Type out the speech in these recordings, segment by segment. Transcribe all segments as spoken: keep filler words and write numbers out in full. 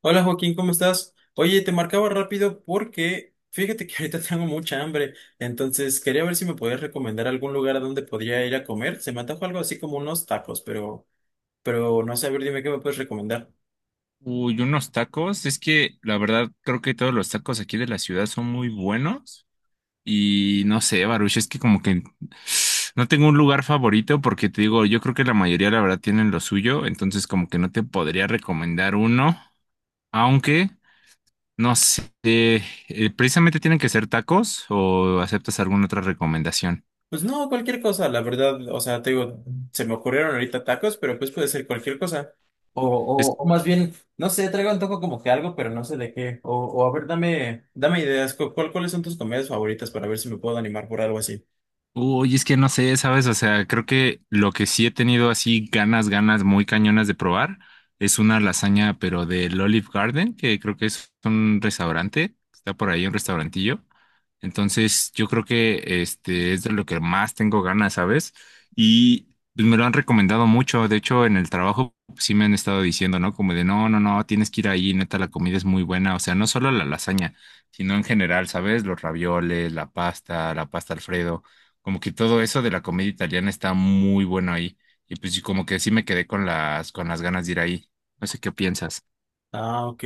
Hola Joaquín, ¿cómo estás? Oye, te marcaba rápido porque fíjate que ahorita tengo mucha hambre, entonces quería ver si me podías recomendar algún lugar a donde podría ir a comer. Se me antojó algo así como unos tacos, pero, pero no sé, a ver, dime qué me puedes recomendar. Uy, unos tacos. Es que la verdad creo que todos los tacos aquí de la ciudad son muy buenos. Y no sé, Baruch, es que como que no tengo un lugar favorito porque te digo, yo creo que la mayoría la verdad tienen lo suyo. Entonces como que no te podría recomendar uno. Aunque, no sé, eh, precisamente tienen que ser tacos o aceptas alguna otra recomendación. Pues no, cualquier cosa, la verdad, o sea, te digo, se me ocurrieron ahorita tacos, pero pues puede ser cualquier cosa. O, Es o, o más bien, no sé, traigo antojo como que algo, pero no sé de qué. O, o a ver, dame, dame ideas, cu- ¿cuál, cuáles son tus comidas favoritas para ver si me puedo animar por algo así? Uy, es que no sé, ¿sabes? O sea, creo que lo que sí he tenido así ganas, ganas muy cañonas de probar es una lasaña, pero del Olive Garden, que creo que es un restaurante, está por ahí un restaurantillo. Entonces, yo creo que este es de lo que más tengo ganas, ¿sabes? Y pues, me lo han recomendado mucho. De hecho, en el trabajo pues, sí me han estado diciendo, ¿no? Como de, no, no, no, tienes que ir ahí, neta, la comida es muy buena. O sea, no solo la lasaña, sino en general, ¿sabes? Los ravioles, la pasta, la pasta Alfredo. Como que todo eso de la comedia italiana está muy bueno ahí. Y pues sí, como que sí me quedé con las, con las ganas de ir ahí. No sé qué piensas. Ah, ok.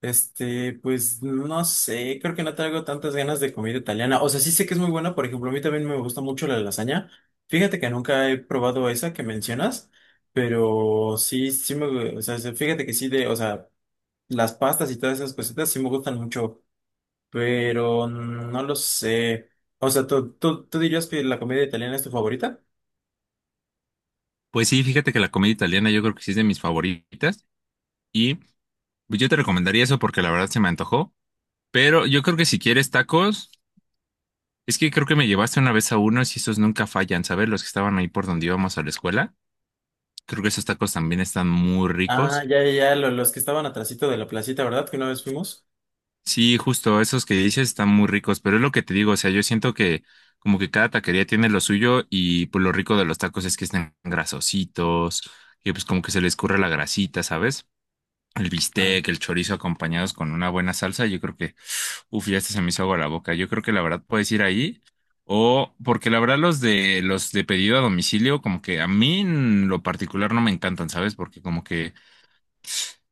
Este, pues no sé, creo que no traigo tantas ganas de comida italiana. O sea, sí sé que es muy buena, por ejemplo, a mí también me gusta mucho la lasaña. Fíjate que nunca he probado esa que mencionas, pero sí, sí me, o sea, sí, fíjate que sí de, o sea, las pastas y todas esas cositas sí me gustan mucho, pero no lo sé. O sea, ¿tú, tú, tú dirías que la comida italiana es tu favorita? Pues sí, fíjate que la comedia italiana yo creo que sí es de mis favoritas. Y pues yo te recomendaría eso porque la verdad se me antojó. Pero yo creo que si quieres tacos, es que creo que me llevaste una vez a unos y esos nunca fallan, ¿sabes? Los que estaban ahí por donde íbamos a la escuela. Creo que esos tacos también están muy Ah, ricos. ya, ya, ya, lo- los que estaban atrasito de la placita, ¿verdad? Que una vez fuimos. Sí, justo, esos que dices están muy ricos, pero es lo que te digo, o sea, yo siento que como que cada taquería tiene lo suyo y pues lo rico de los tacos es que están grasositos, que pues como que se les escurre la grasita, ¿sabes? El bistec, el chorizo acompañados con una buena salsa, yo creo que, uf, ya hasta se me hizo agua la boca, yo creo que la verdad puedes ir ahí o porque la verdad los de los de pedido a domicilio como que a mí en lo particular no me encantan, ¿sabes? Porque como que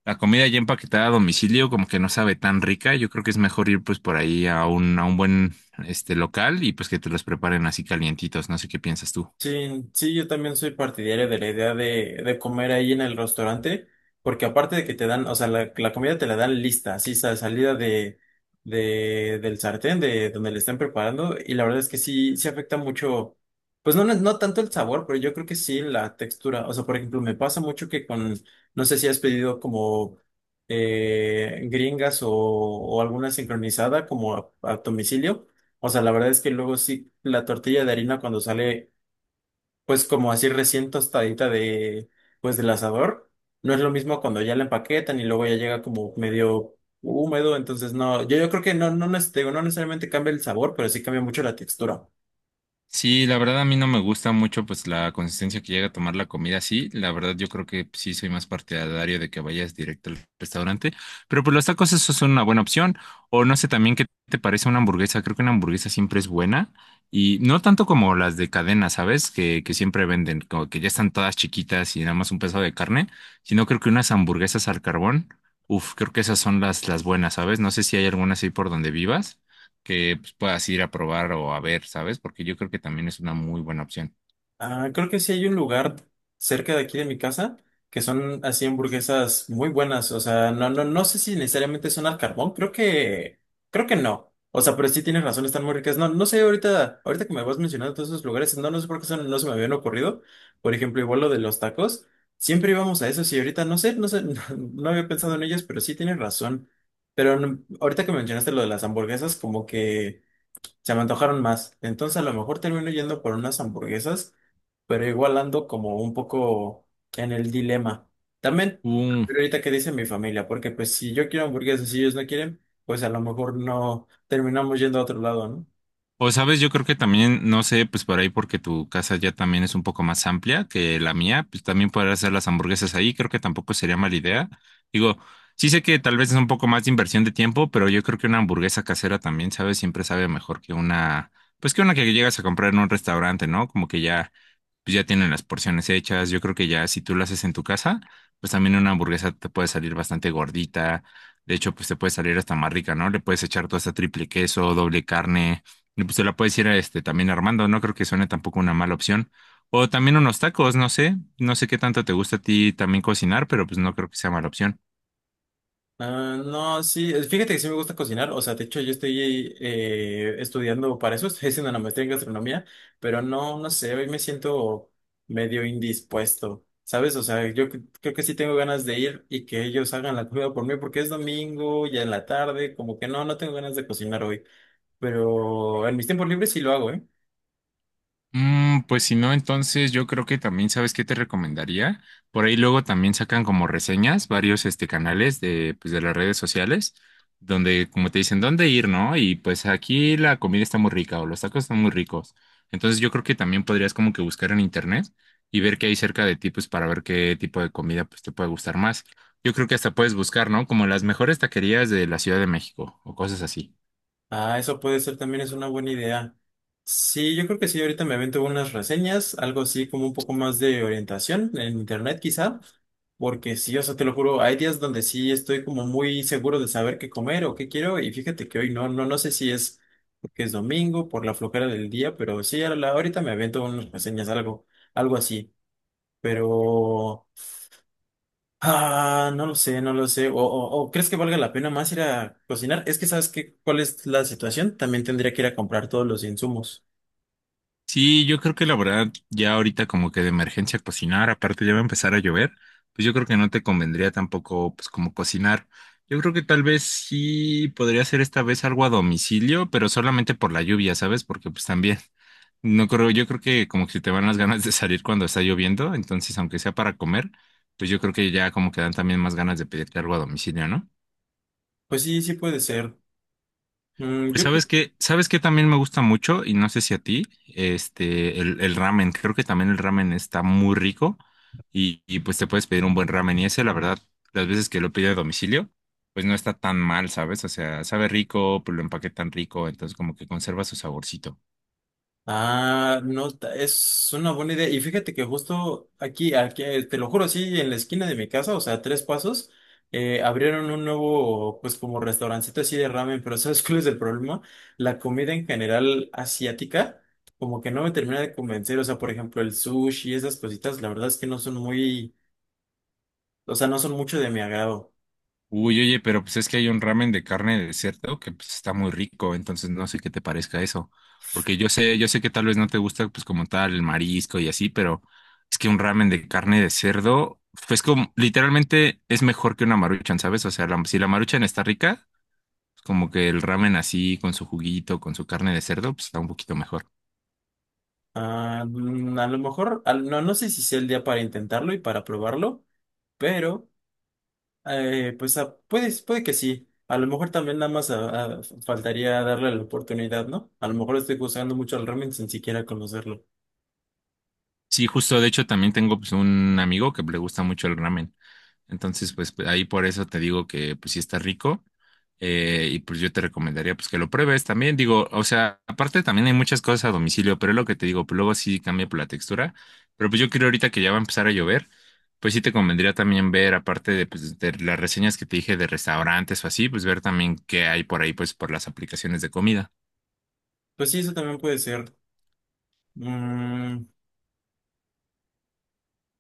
la comida ya empaquetada a domicilio como que no sabe tan rica. Yo creo que es mejor ir pues por ahí a un, a un buen este local y pues que te los preparen así calientitos. No sé qué piensas tú. Sí, sí, yo también soy partidario de la idea de, de comer ahí en el restaurante, porque aparte de que te dan, o sea, la, la comida te la dan lista, así sa- salida de, de, del sartén, de donde le estén preparando, y la verdad es que sí, sí afecta mucho, pues no, no no tanto el sabor, pero yo creo que sí la textura. O sea, por ejemplo, me pasa mucho que con, no sé si has pedido como eh, gringas o, o alguna sincronizada como a a domicilio. O sea, la verdad es que luego sí, la tortilla de harina cuando sale pues como así recién tostadita de, pues del asador. No es lo mismo cuando ya la empaquetan y luego ya llega como medio húmedo. Entonces no, yo, yo creo que no, no, neces- te digo, no necesariamente cambia el sabor, pero sí cambia mucho la textura. Sí, la verdad a mí no me gusta mucho pues la consistencia que llega a tomar la comida así. La verdad yo creo que pues, sí soy más partidario de que vayas directo al restaurante. Pero pues los tacos eso son una buena opción. O no sé también qué te parece una hamburguesa. Creo que una hamburguesa siempre es buena. Y no tanto como las de cadena, ¿sabes? Que, que siempre venden, como que ya están todas chiquitas y nada más un pedazo de carne. Sino creo que unas hamburguesas al carbón. Uf, creo que esas son las, las buenas, ¿sabes? No sé si hay alguna así por donde vivas que pues, puedas ir a probar o a ver, ¿sabes? Porque yo creo que también es una muy buena opción. Ah, creo que sí hay un lugar cerca de aquí de mi casa que son así hamburguesas muy buenas. O sea, no, no, no sé si necesariamente son al carbón. Creo que, creo que no. O sea, pero sí tienes razón, están muy ricas. No, no sé, ahorita, ahorita que me vas mencionando todos esos lugares, no, no sé por qué son- no se me habían ocurrido. Por ejemplo, igual lo de los tacos. Siempre íbamos a esos y ahorita no sé, no sé, no, había pensado en ellos, pero sí tienes razón. Pero no- ahorita que mencionaste lo de las hamburguesas, como que se me antojaron más. Entonces a lo mejor termino yendo por unas hamburguesas, pero igual ando como un poco en el dilema. También, Uh, pero ahorita que dice mi familia, porque pues si yo quiero hamburguesas y ellos no quieren, pues a lo mejor no terminamos yendo a otro lado, ¿no? o sabes, yo creo que también, no sé, pues por ahí porque tu casa ya también es un poco más amplia que la mía, pues también poder hacer las hamburguesas ahí, creo que tampoco sería mala idea. Digo, sí sé que tal vez es un poco más de inversión de tiempo, pero yo creo que una hamburguesa casera también, ¿sabes? Siempre sabe mejor que una, pues que una que llegas a comprar en un restaurante, ¿no? Como que ya pues ya tienen las porciones hechas. Yo creo que ya si tú lo haces en tu casa, pues también una hamburguesa te puede salir bastante gordita. De hecho, pues te puede salir hasta más rica, ¿no? Le puedes echar toda esta triple queso, doble carne. Y pues te la puedes ir este, también armando. No creo que suene tampoco una mala opción. O también unos tacos, no sé. No sé qué tanto te gusta a ti también cocinar, pero pues no creo que sea mala opción. Ah, no, sí, eh, fíjate que sí me gusta cocinar. O sea, de hecho yo estoy eh, estudiando para eso, estoy haciendo una maestría en gastronomía, pero no, no sé, hoy me siento medio indispuesto, ¿sabes? O sea, yo cre- creo que sí tengo ganas de ir y que ellos hagan la comida por mí porque es domingo, ya en la tarde, como que no, no tengo ganas de cocinar hoy. Pero en mis tiempos libres sí lo hago, ¿eh? Mm, pues si no, entonces yo creo que también, ¿sabes qué te recomendaría? Por ahí luego también sacan como reseñas varios este, canales de, pues, de las redes sociales, donde como te dicen dónde ir, ¿no? Y pues aquí la comida está muy rica o los tacos están muy ricos. Entonces yo creo que también podrías como que buscar en internet y ver qué hay cerca de ti, pues para ver qué tipo de comida pues te puede gustar más. Yo creo que hasta puedes buscar, ¿no? Como las mejores taquerías de la Ciudad de México o cosas así. Ah, eso puede ser también, es una buena idea. Sí, yo creo que sí, ahorita me avento unas reseñas, algo así como un poco más de orientación en internet quizá, porque sí, o sea, te lo juro, hay días donde sí estoy como muy seguro de saber qué comer o qué quiero, y fíjate que hoy no, no, no sé si es porque es domingo, por la flojera del día. Pero sí, a la- ahorita me avento unas reseñas, algo, algo así, pero... Ah, no lo sé, no lo sé. O, o, o ¿crees que valga la pena más ir a cocinar? Es que sabes que cuál es la situación. También tendría que ir a comprar todos los insumos. Sí, yo creo que la verdad, ya ahorita como que de emergencia cocinar, aparte ya va a empezar a llover, pues yo creo que no te convendría tampoco pues como cocinar. Yo creo que tal vez sí podría hacer esta vez algo a domicilio, pero solamente por la lluvia, ¿sabes? Porque pues también, no creo, yo creo que como que se te van las ganas de salir cuando está lloviendo, entonces aunque sea para comer, pues yo creo que ya como que dan también más ganas de pedirte algo a domicilio, ¿no? Pues sí, sí puede ser. Mm, Pues yo... sabes que, sabes que también me gusta mucho, y no sé si a ti, este, el, el ramen. Creo que también el ramen está muy rico y, y, pues te puedes pedir un buen ramen. Y ese, la verdad, las veces que lo pido a domicilio, pues no está tan mal, ¿sabes? O sea, sabe rico, pues lo empaquetan rico, entonces como que conserva su saborcito. Ah, no, ta- es una buena idea. Y fíjate que justo aquí, aquí, eh, te lo juro, sí, en la esquina de mi casa, o sea, tres pasos, eh, abrieron un nuevo, pues, como restaurancito así de ramen, pero ¿sabes cuál es el problema? La comida en general asiática, como que no me termina de convencer. O sea, por ejemplo, el sushi y esas cositas, la verdad es que no son muy, o sea, no son mucho de mi agrado. Uy, oye, pero pues es que hay un ramen de carne de cerdo que pues está muy rico, entonces no sé qué te parezca eso, porque yo sé, yo sé que tal vez no te gusta pues como tal el marisco y así, pero es que un ramen de carne de cerdo pues como literalmente es mejor que una maruchan, ¿sabes? O sea, la- si la maruchan está rica, pues, como que el ramen así con su juguito, con su carne de cerdo, pues está un poquito mejor. Ah, mm, a lo mejor, al- no, no sé si sea el día para intentarlo y para probarlo, pero... Eh, pues ah, puede, puede que sí. A lo mejor también nada más ah, ah, faltaría darle la oportunidad, ¿no? A lo mejor estoy juzgando mucho al ramen sin siquiera conocerlo. Sí, justo, de hecho también tengo pues un amigo que le gusta mucho el ramen. Entonces, pues pues, ahí por eso te digo que pues sí está rico. Eh, y pues yo te recomendaría pues que lo pruebes también. Digo, o sea, aparte también hay muchas cosas a domicilio, pero es lo que te digo, pues luego sí cambia por la textura. Pero pues yo creo ahorita que ya va a empezar a llover, pues sí te convendría también ver, aparte de, pues, de las reseñas que te dije de restaurantes o así, pues ver también qué hay por ahí, pues por las aplicaciones de comida. Pues sí, eso también puede ser. Mm,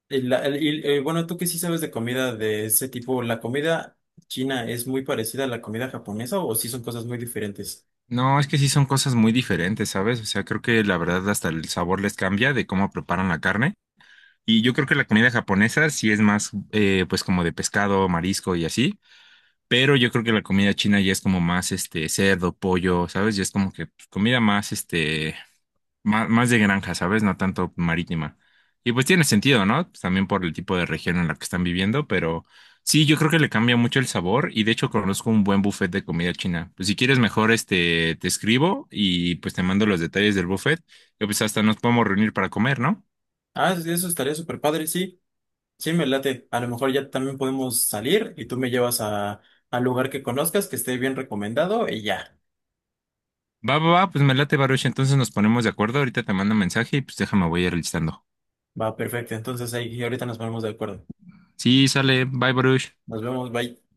y la- el- y, eh, bueno, tú que sí sabes de comida de ese tipo, ¿la comida china es muy parecida a la comida japonesa, o sí son cosas muy diferentes? No, es que sí son cosas muy diferentes, ¿sabes? O sea, creo que la verdad hasta el sabor les cambia de cómo preparan la carne. Y yo creo que la comida japonesa sí es más, eh, pues como de pescado, marisco y así, pero yo creo que la comida china ya es como más, este, cerdo, pollo, ¿sabes? Ya es como que pues, comida más, este, más, más de granja, ¿sabes? No tanto marítima. Y pues tiene sentido, ¿no? Pues, también por el tipo de región en la que están viviendo, pero sí, yo creo que le cambia mucho el sabor y de hecho conozco un buen buffet de comida china. Pues si quieres mejor, este, te escribo y pues te mando los detalles del buffet, y pues hasta nos podemos reunir para comer, ¿no? Ah, sí, eso estaría súper padre, sí. Sí, me late. A lo mejor ya también podemos salir y tú me llevas a, al lugar que conozcas, que esté bien recomendado y ya. Va, va, va, pues me late, Baruch. Entonces nos ponemos de acuerdo. Ahorita te mando un mensaje y pues déjame, voy a ir listando. Va, perfecto. Entonces ahí ahorita nos ponemos de acuerdo. Sí, sale. Bye, Baruch. Nos vemos, bye.